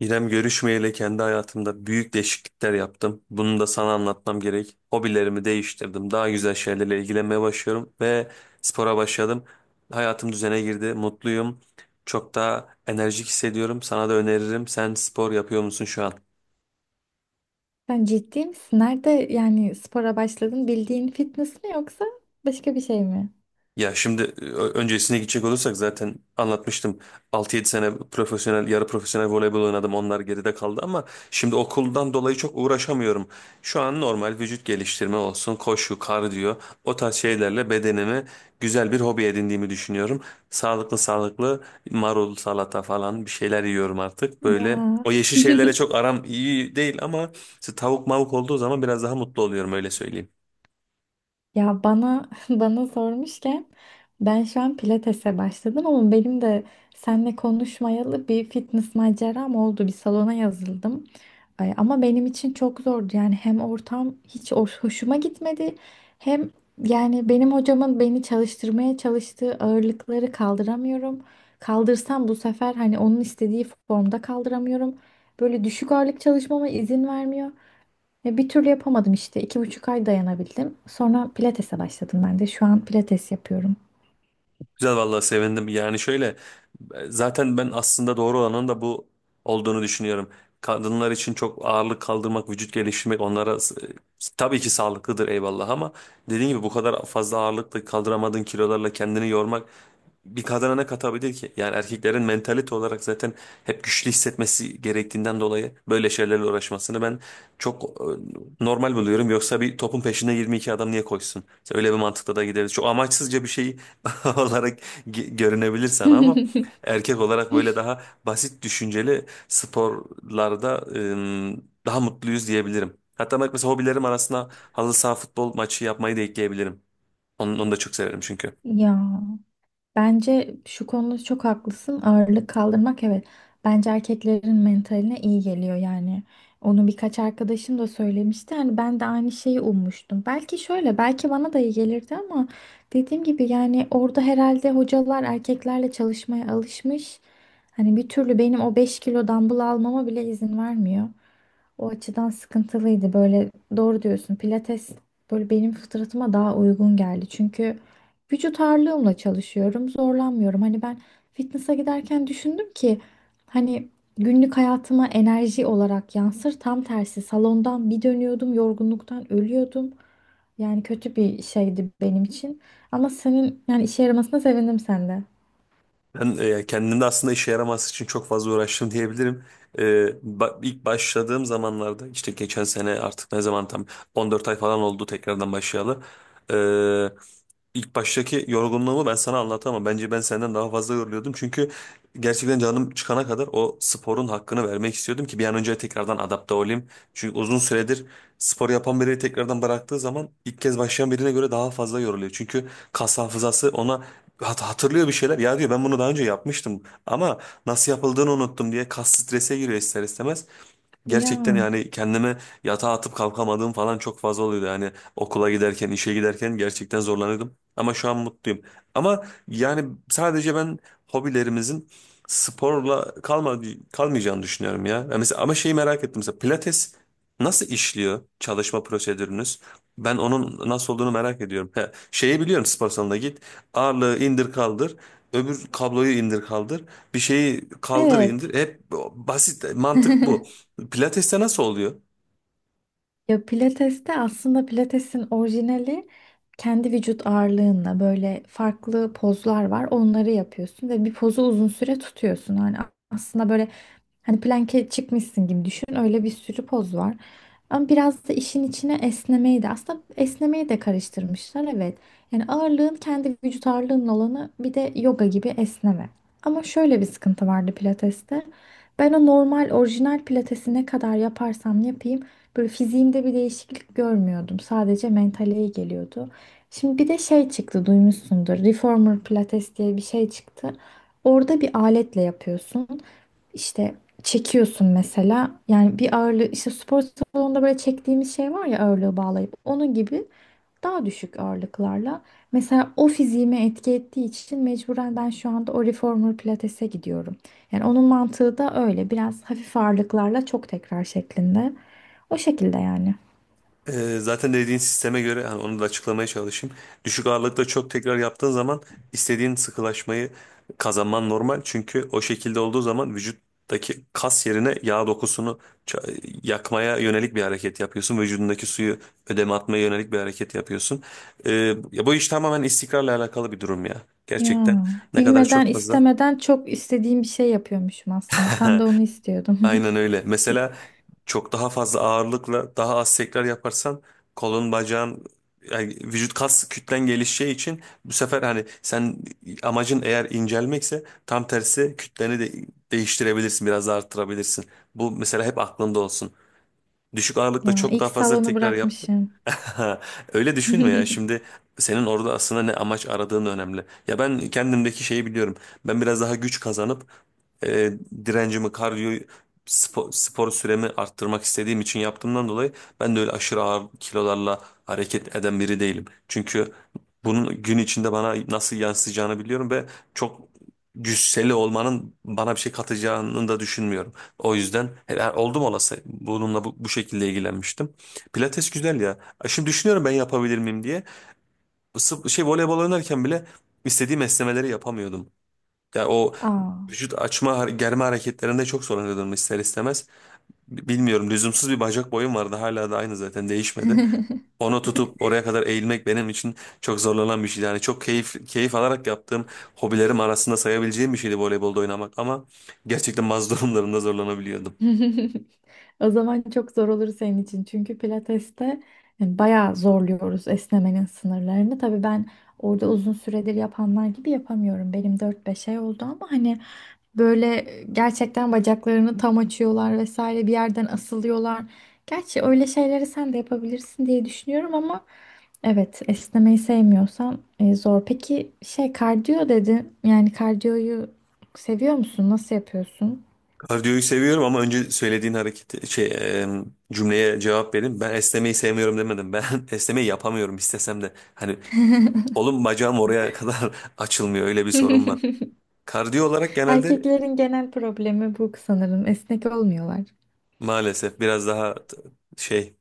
İrem görüşmeyeli kendi hayatımda büyük değişiklikler yaptım. Bunu da sana anlatmam gerek. Hobilerimi değiştirdim. Daha güzel şeylerle ilgilenmeye başlıyorum ve spora başladım. Hayatım düzene girdi. Mutluyum. Çok daha enerjik hissediyorum. Sana da öneririm. Sen spor yapıyor musun şu an? Sen ciddi misin? Nerede yani spora başladın? Bildiğin fitness mi yoksa başka bir şey mi? Ya şimdi öncesine gidecek olursak zaten anlatmıştım. Altı yedi sene profesyonel, yarı profesyonel voleybol oynadım. Onlar geride kaldı ama şimdi okuldan dolayı çok uğraşamıyorum. Şu an normal vücut geliştirme olsun, koşu, kardiyo o tarz şeylerle bedenimi güzel bir hobi edindiğimi düşünüyorum. Sağlıklı sağlıklı marul, salata falan bir şeyler yiyorum artık. Böyle Ya. o yeşil şeylerle çok aram iyi değil ama işte tavuk mavuk olduğu zaman biraz daha mutlu oluyorum öyle söyleyeyim. Ya bana bana sormuşken ben şu an pilatese başladım ama benim de seninle konuşmayalı bir fitness maceram oldu. Bir salona yazıldım. Ay, ama benim için çok zordu. Yani hem ortam hiç hoşuma gitmedi, hem yani benim hocamın beni çalıştırmaya çalıştığı ağırlıkları kaldıramıyorum. Kaldırsam bu sefer hani onun istediği formda kaldıramıyorum. Böyle düşük ağırlık çalışmama izin vermiyor. Ve bir türlü yapamadım işte. 2,5 ay dayanabildim. Sonra pilatese başladım ben de. Şu an pilates yapıyorum. Güzel vallahi sevindim. Yani şöyle zaten ben aslında doğru olanın da bu olduğunu düşünüyorum. Kadınlar için çok ağırlık kaldırmak, vücut geliştirmek onlara tabii ki sağlıklıdır, eyvallah, ama dediğim gibi bu kadar fazla ağırlıkla, kaldıramadığın kilolarla kendini yormak bir kadına ne katabilir ki? Yani erkeklerin mentalite olarak zaten hep güçlü hissetmesi gerektiğinden dolayı böyle şeylerle uğraşmasını ben çok normal buluyorum. Yoksa bir topun peşine 22 adam niye koşsun? İşte öyle bir mantıkla da gideriz. Çok amaçsızca bir şey olarak görünebilir sana ama erkek olarak böyle daha basit düşünceli sporlarda daha mutluyuz diyebilirim. Hatta bak mesela hobilerim arasında halı saha futbol maçı yapmayı da ekleyebilirim. Onu, onu da çok severim çünkü. Ya bence şu konuda çok haklısın. Ağırlık kaldırmak evet. Bence erkeklerin mentaline iyi geliyor yani. Onu birkaç arkadaşım da söylemişti. Hani ben de aynı şeyi ummuştum. Belki şöyle, belki bana da iyi gelirdi ama dediğim gibi yani orada herhalde hocalar erkeklerle çalışmaya alışmış. Hani bir türlü benim o 5 kilo dumbbell almama bile izin vermiyor. O açıdan sıkıntılıydı. Böyle doğru diyorsun. Pilates böyle benim fıtratıma daha uygun geldi. Çünkü vücut ağırlığımla çalışıyorum. Zorlanmıyorum. Hani ben fitness'a giderken düşündüm ki hani günlük hayatıma enerji olarak yansır. Tam tersi salondan bir dönüyordum. Yorgunluktan ölüyordum. Yani kötü bir şeydi benim için. Ama senin yani işe yaramasına sevindim sende. Ben kendimde aslında işe yaramaz için çok fazla uğraştım diyebilirim. E, ilk başladığım zamanlarda, işte geçen sene, artık ne zaman, tam 14 ay falan oldu tekrardan başlayalı. E, ilk baştaki yorgunluğumu ben sana anlatamam. Bence ben senden daha fazla yoruluyordum. Çünkü gerçekten canım çıkana kadar o sporun hakkını vermek istiyordum ki bir an önce tekrardan adapte olayım. Çünkü uzun süredir spor yapan biri tekrardan bıraktığı zaman ilk kez başlayan birine göre daha fazla yoruluyor. Çünkü kas hafızası ona hatırlıyor bir şeyler. Ya diyor, ben bunu daha önce yapmıştım ama nasıl yapıldığını unuttum diye kas strese giriyor ister istemez. Ya, Gerçekten yani kendime yatağa atıp kalkamadığım falan çok fazla oluyordu. Yani okula giderken, işe giderken gerçekten zorlanıyordum. Ama şu an mutluyum. Ama yani sadece ben hobilerimizin sporla kalmayacağını düşünüyorum ya. Ya mesela, ama şeyi merak ettim. Mesela Pilates nasıl işliyor, çalışma prosedürünüz? Ben onun nasıl olduğunu merak ediyorum. He, şeyi biliyorum, spor salonuna git. Ağırlığı indir kaldır. Öbür kabloyu indir kaldır. Bir şeyi kaldır evet. indir. Hep basit mantık bu. Pilates'te nasıl oluyor? Ya pilateste aslında pilatesin orijinali kendi vücut ağırlığınla böyle farklı pozlar var. Onları yapıyorsun ve bir pozu uzun süre tutuyorsun. Hani aslında böyle hani plank'e çıkmışsın gibi düşün. Öyle bir sürü poz var. Ama biraz da işin içine esnemeyi de esnemeyi de karıştırmışlar evet. Yani ağırlığın kendi vücut ağırlığının olanı bir de yoga gibi esneme. Ama şöyle bir sıkıntı vardı pilateste. Ben o normal orijinal pilatesi ne kadar yaparsam yapayım böyle fiziğimde bir değişiklik görmüyordum. Sadece mentale iyi geliyordu. Şimdi bir de şey çıktı, duymuşsundur. Reformer Pilates diye bir şey çıktı. Orada bir aletle yapıyorsun. İşte çekiyorsun mesela. Yani bir ağırlığı, işte spor salonunda böyle çektiğimiz şey var ya, ağırlığı bağlayıp. Onun gibi daha düşük ağırlıklarla. Mesela o fiziğime etki ettiği için mecburen ben şu anda o reformer pilatese gidiyorum. Yani onun mantığı da öyle. Biraz hafif ağırlıklarla, çok tekrar şeklinde. O şekilde yani. Zaten dediğin sisteme göre yani onu da açıklamaya çalışayım. Düşük ağırlıkta çok tekrar yaptığın zaman istediğin sıkılaşmayı kazanman normal. Çünkü o şekilde olduğu zaman vücuttaki kas yerine yağ dokusunu yakmaya yönelik bir hareket yapıyorsun. Vücudundaki suyu ödeme atmaya yönelik bir hareket yapıyorsun. Ee, Ya bu iş tamamen istikrarla alakalı bir durum ya. Ya Gerçekten ne kadar bilmeden çok fazla. istemeden çok istediğim bir şey yapıyormuşum aslında. Tam da onu istiyordum. Aynen öyle. Mesela çok daha fazla ağırlıkla daha az tekrar yaparsan kolun, bacağın yani vücut kas kütlen gelişeceği için bu sefer, hani sen, amacın eğer incelmekse, tam tersi kütleni de değiştirebilirsin, biraz da arttırabilirsin. Bu mesela hep aklında olsun: düşük ağırlıkta Ya çok ilk daha fazla salonu tekrar yapmak. bırakmışım. Öyle düşünme ya. Şimdi senin orada aslında ne amaç aradığın önemli. Ya ben kendimdeki şeyi biliyorum. Ben biraz daha güç kazanıp e, direncimi, kardiyoyu, spor, spor süremi arttırmak istediğim için yaptığımdan dolayı ben de öyle aşırı ağır kilolarla hareket eden biri değilim. Çünkü bunun gün içinde bana nasıl yansıyacağını biliyorum ve çok cüsseli olmanın bana bir şey katacağını da düşünmüyorum. O yüzden yani oldum olası bununla bu, bu şekilde ilgilenmiştim. Pilates güzel ya. Şimdi düşünüyorum, ben yapabilir miyim diye. Voleybol oynarken bile istediğim esnemeleri yapamıyordum. Yani o Aa. vücut açma, germe hareketlerinde çok zorlanıyordum ister istemez. Bilmiyorum, lüzumsuz bir bacak boyum vardı. Hala da aynı, zaten değişmedi. Onu tutup oraya kadar eğilmek benim için çok zorlanan bir şeydi. Yani çok keyif keyif alarak yaptığım hobilerim arasında sayabileceğim bir şeydi voleybolda oynamak ama gerçekten bazı durumlarında zorlanabiliyordum. O zaman çok zor olur senin için. Çünkü pilateste yani bayağı zorluyoruz esnemenin sınırlarını. Tabii ben orada uzun süredir yapanlar gibi yapamıyorum. Benim 4-5 ay oldu ama hani böyle gerçekten bacaklarını tam açıyorlar vesaire, bir yerden asılıyorlar. Gerçi öyle şeyleri sen de yapabilirsin diye düşünüyorum ama evet, esnemeyi sevmiyorsan zor. Peki şey, kardiyo dedin. Yani kardiyoyu seviyor musun? Nasıl yapıyorsun? Kardiyoyu seviyorum ama önce söylediğin hareket, e, cümleye cevap vereyim. Ben esnemeyi sevmiyorum demedim. Ben esnemeyi yapamıyorum istesem de. Hani oğlum, bacağım oraya kadar açılmıyor, öyle bir sorun var. Kardiyo olarak genelde Erkeklerin genel problemi bu sanırım. Esnek olmuyorlar. maalesef biraz daha şey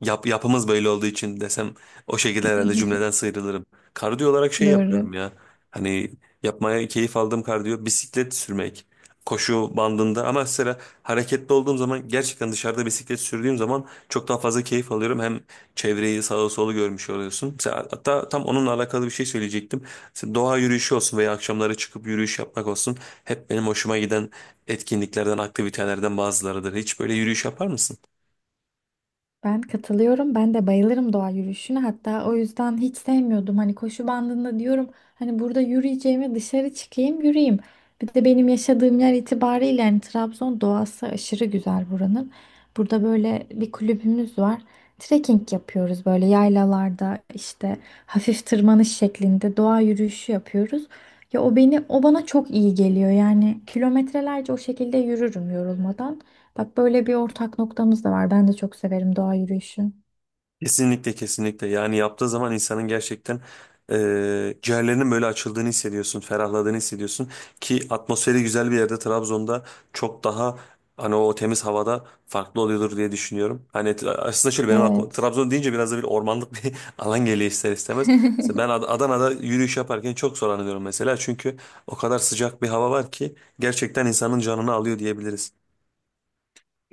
Yapımız böyle olduğu için desem, o şekilde herhalde cümleden sıyrılırım. Kardiyo olarak şey yapıyorum Doğru. ya. Hani yapmaya keyif aldığım kardiyo, bisiklet sürmek. Koşu bandında ama, mesela hareketli olduğum zaman, gerçekten dışarıda bisiklet sürdüğüm zaman çok daha fazla keyif alıyorum. Hem çevreyi sağa sola görmüş oluyorsun. Mesela, hatta tam onunla alakalı bir şey söyleyecektim. Mesela doğa yürüyüşü olsun veya akşamları çıkıp yürüyüş yapmak olsun, hep benim hoşuma giden etkinliklerden, aktivitelerden bazılarıdır. Hiç böyle yürüyüş yapar mısın? Ben katılıyorum. Ben de bayılırım doğa yürüyüşüne. Hatta o yüzden hiç sevmiyordum. Hani koşu bandında diyorum, hani burada yürüyeceğime dışarı çıkayım yürüyeyim. Bir de benim yaşadığım yer itibariyle hani Trabzon doğası aşırı güzel buranın. Burada böyle bir kulübümüz var. Trekking yapıyoruz böyle yaylalarda, işte hafif tırmanış şeklinde doğa yürüyüşü yapıyoruz. Ya o beni bana çok iyi geliyor. Yani kilometrelerce o şekilde yürürüm yorulmadan. Bak böyle bir ortak noktamız da var. Ben de çok severim doğa yürüyüşü. Kesinlikle kesinlikle, yani yaptığı zaman insanın gerçekten ciğerlerinin böyle açıldığını hissediyorsun, ferahladığını hissediyorsun ki atmosferi güzel bir yerde, Trabzon'da, çok daha, hani o temiz havada farklı oluyordur diye düşünüyorum. Hani aslında şöyle, benim aklıma Evet. Trabzon deyince biraz da bir ormanlık bir alan geliyor ister istemez. Mesela ben Adana'da yürüyüş yaparken çok zorlanıyorum mesela, çünkü o kadar sıcak bir hava var ki gerçekten insanın canını alıyor diyebiliriz.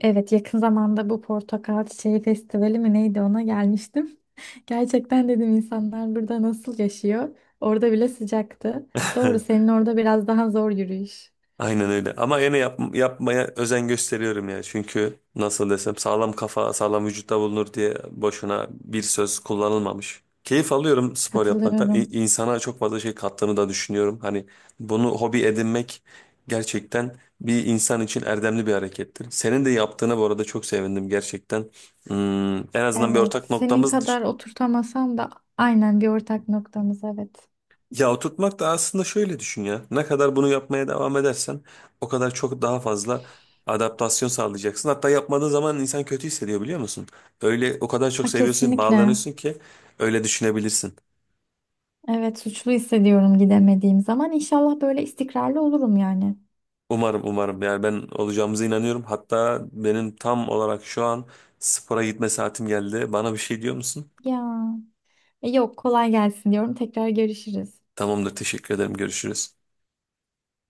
Evet, yakın zamanda bu portakal çiçeği festivali mi neydi, ona gelmiştim. Gerçekten dedim insanlar burada nasıl yaşıyor? Orada bile sıcaktı. Doğru, senin orada biraz daha zor yürüyüş. Aynen öyle. Ama yine yapmaya özen gösteriyorum ya. Çünkü nasıl desem, sağlam kafa sağlam vücutta bulunur diye boşuna bir söz kullanılmamış. Keyif alıyorum spor yapmaktan. Katılıyorum. İnsana çok fazla şey kattığını da düşünüyorum. Hani bunu hobi edinmek gerçekten bir insan için erdemli bir harekettir. Senin de yaptığına bu arada çok sevindim gerçekten. En azından bir Evet, ortak senin noktamız. kadar oturtamasam da aynen bir ortak noktamız evet. Ya, oturtmak da aslında, şöyle düşün ya, ne kadar bunu yapmaya devam edersen o kadar çok daha fazla adaptasyon sağlayacaksın. Hatta yapmadığın zaman insan kötü hissediyor, biliyor musun? Öyle o kadar çok A, seviyorsun, kesinlikle. bağlanıyorsun ki öyle düşünebilirsin. Evet, suçlu hissediyorum gidemediğim zaman. İnşallah böyle istikrarlı olurum yani. Umarım umarım, yani ben olacağımıza inanıyorum. Hatta benim tam olarak şu an spora gitme saatim geldi. Bana bir şey diyor musun? Ya. Yok, kolay gelsin diyorum. Tekrar görüşürüz. Tamamdır, teşekkür ederim, görüşürüz.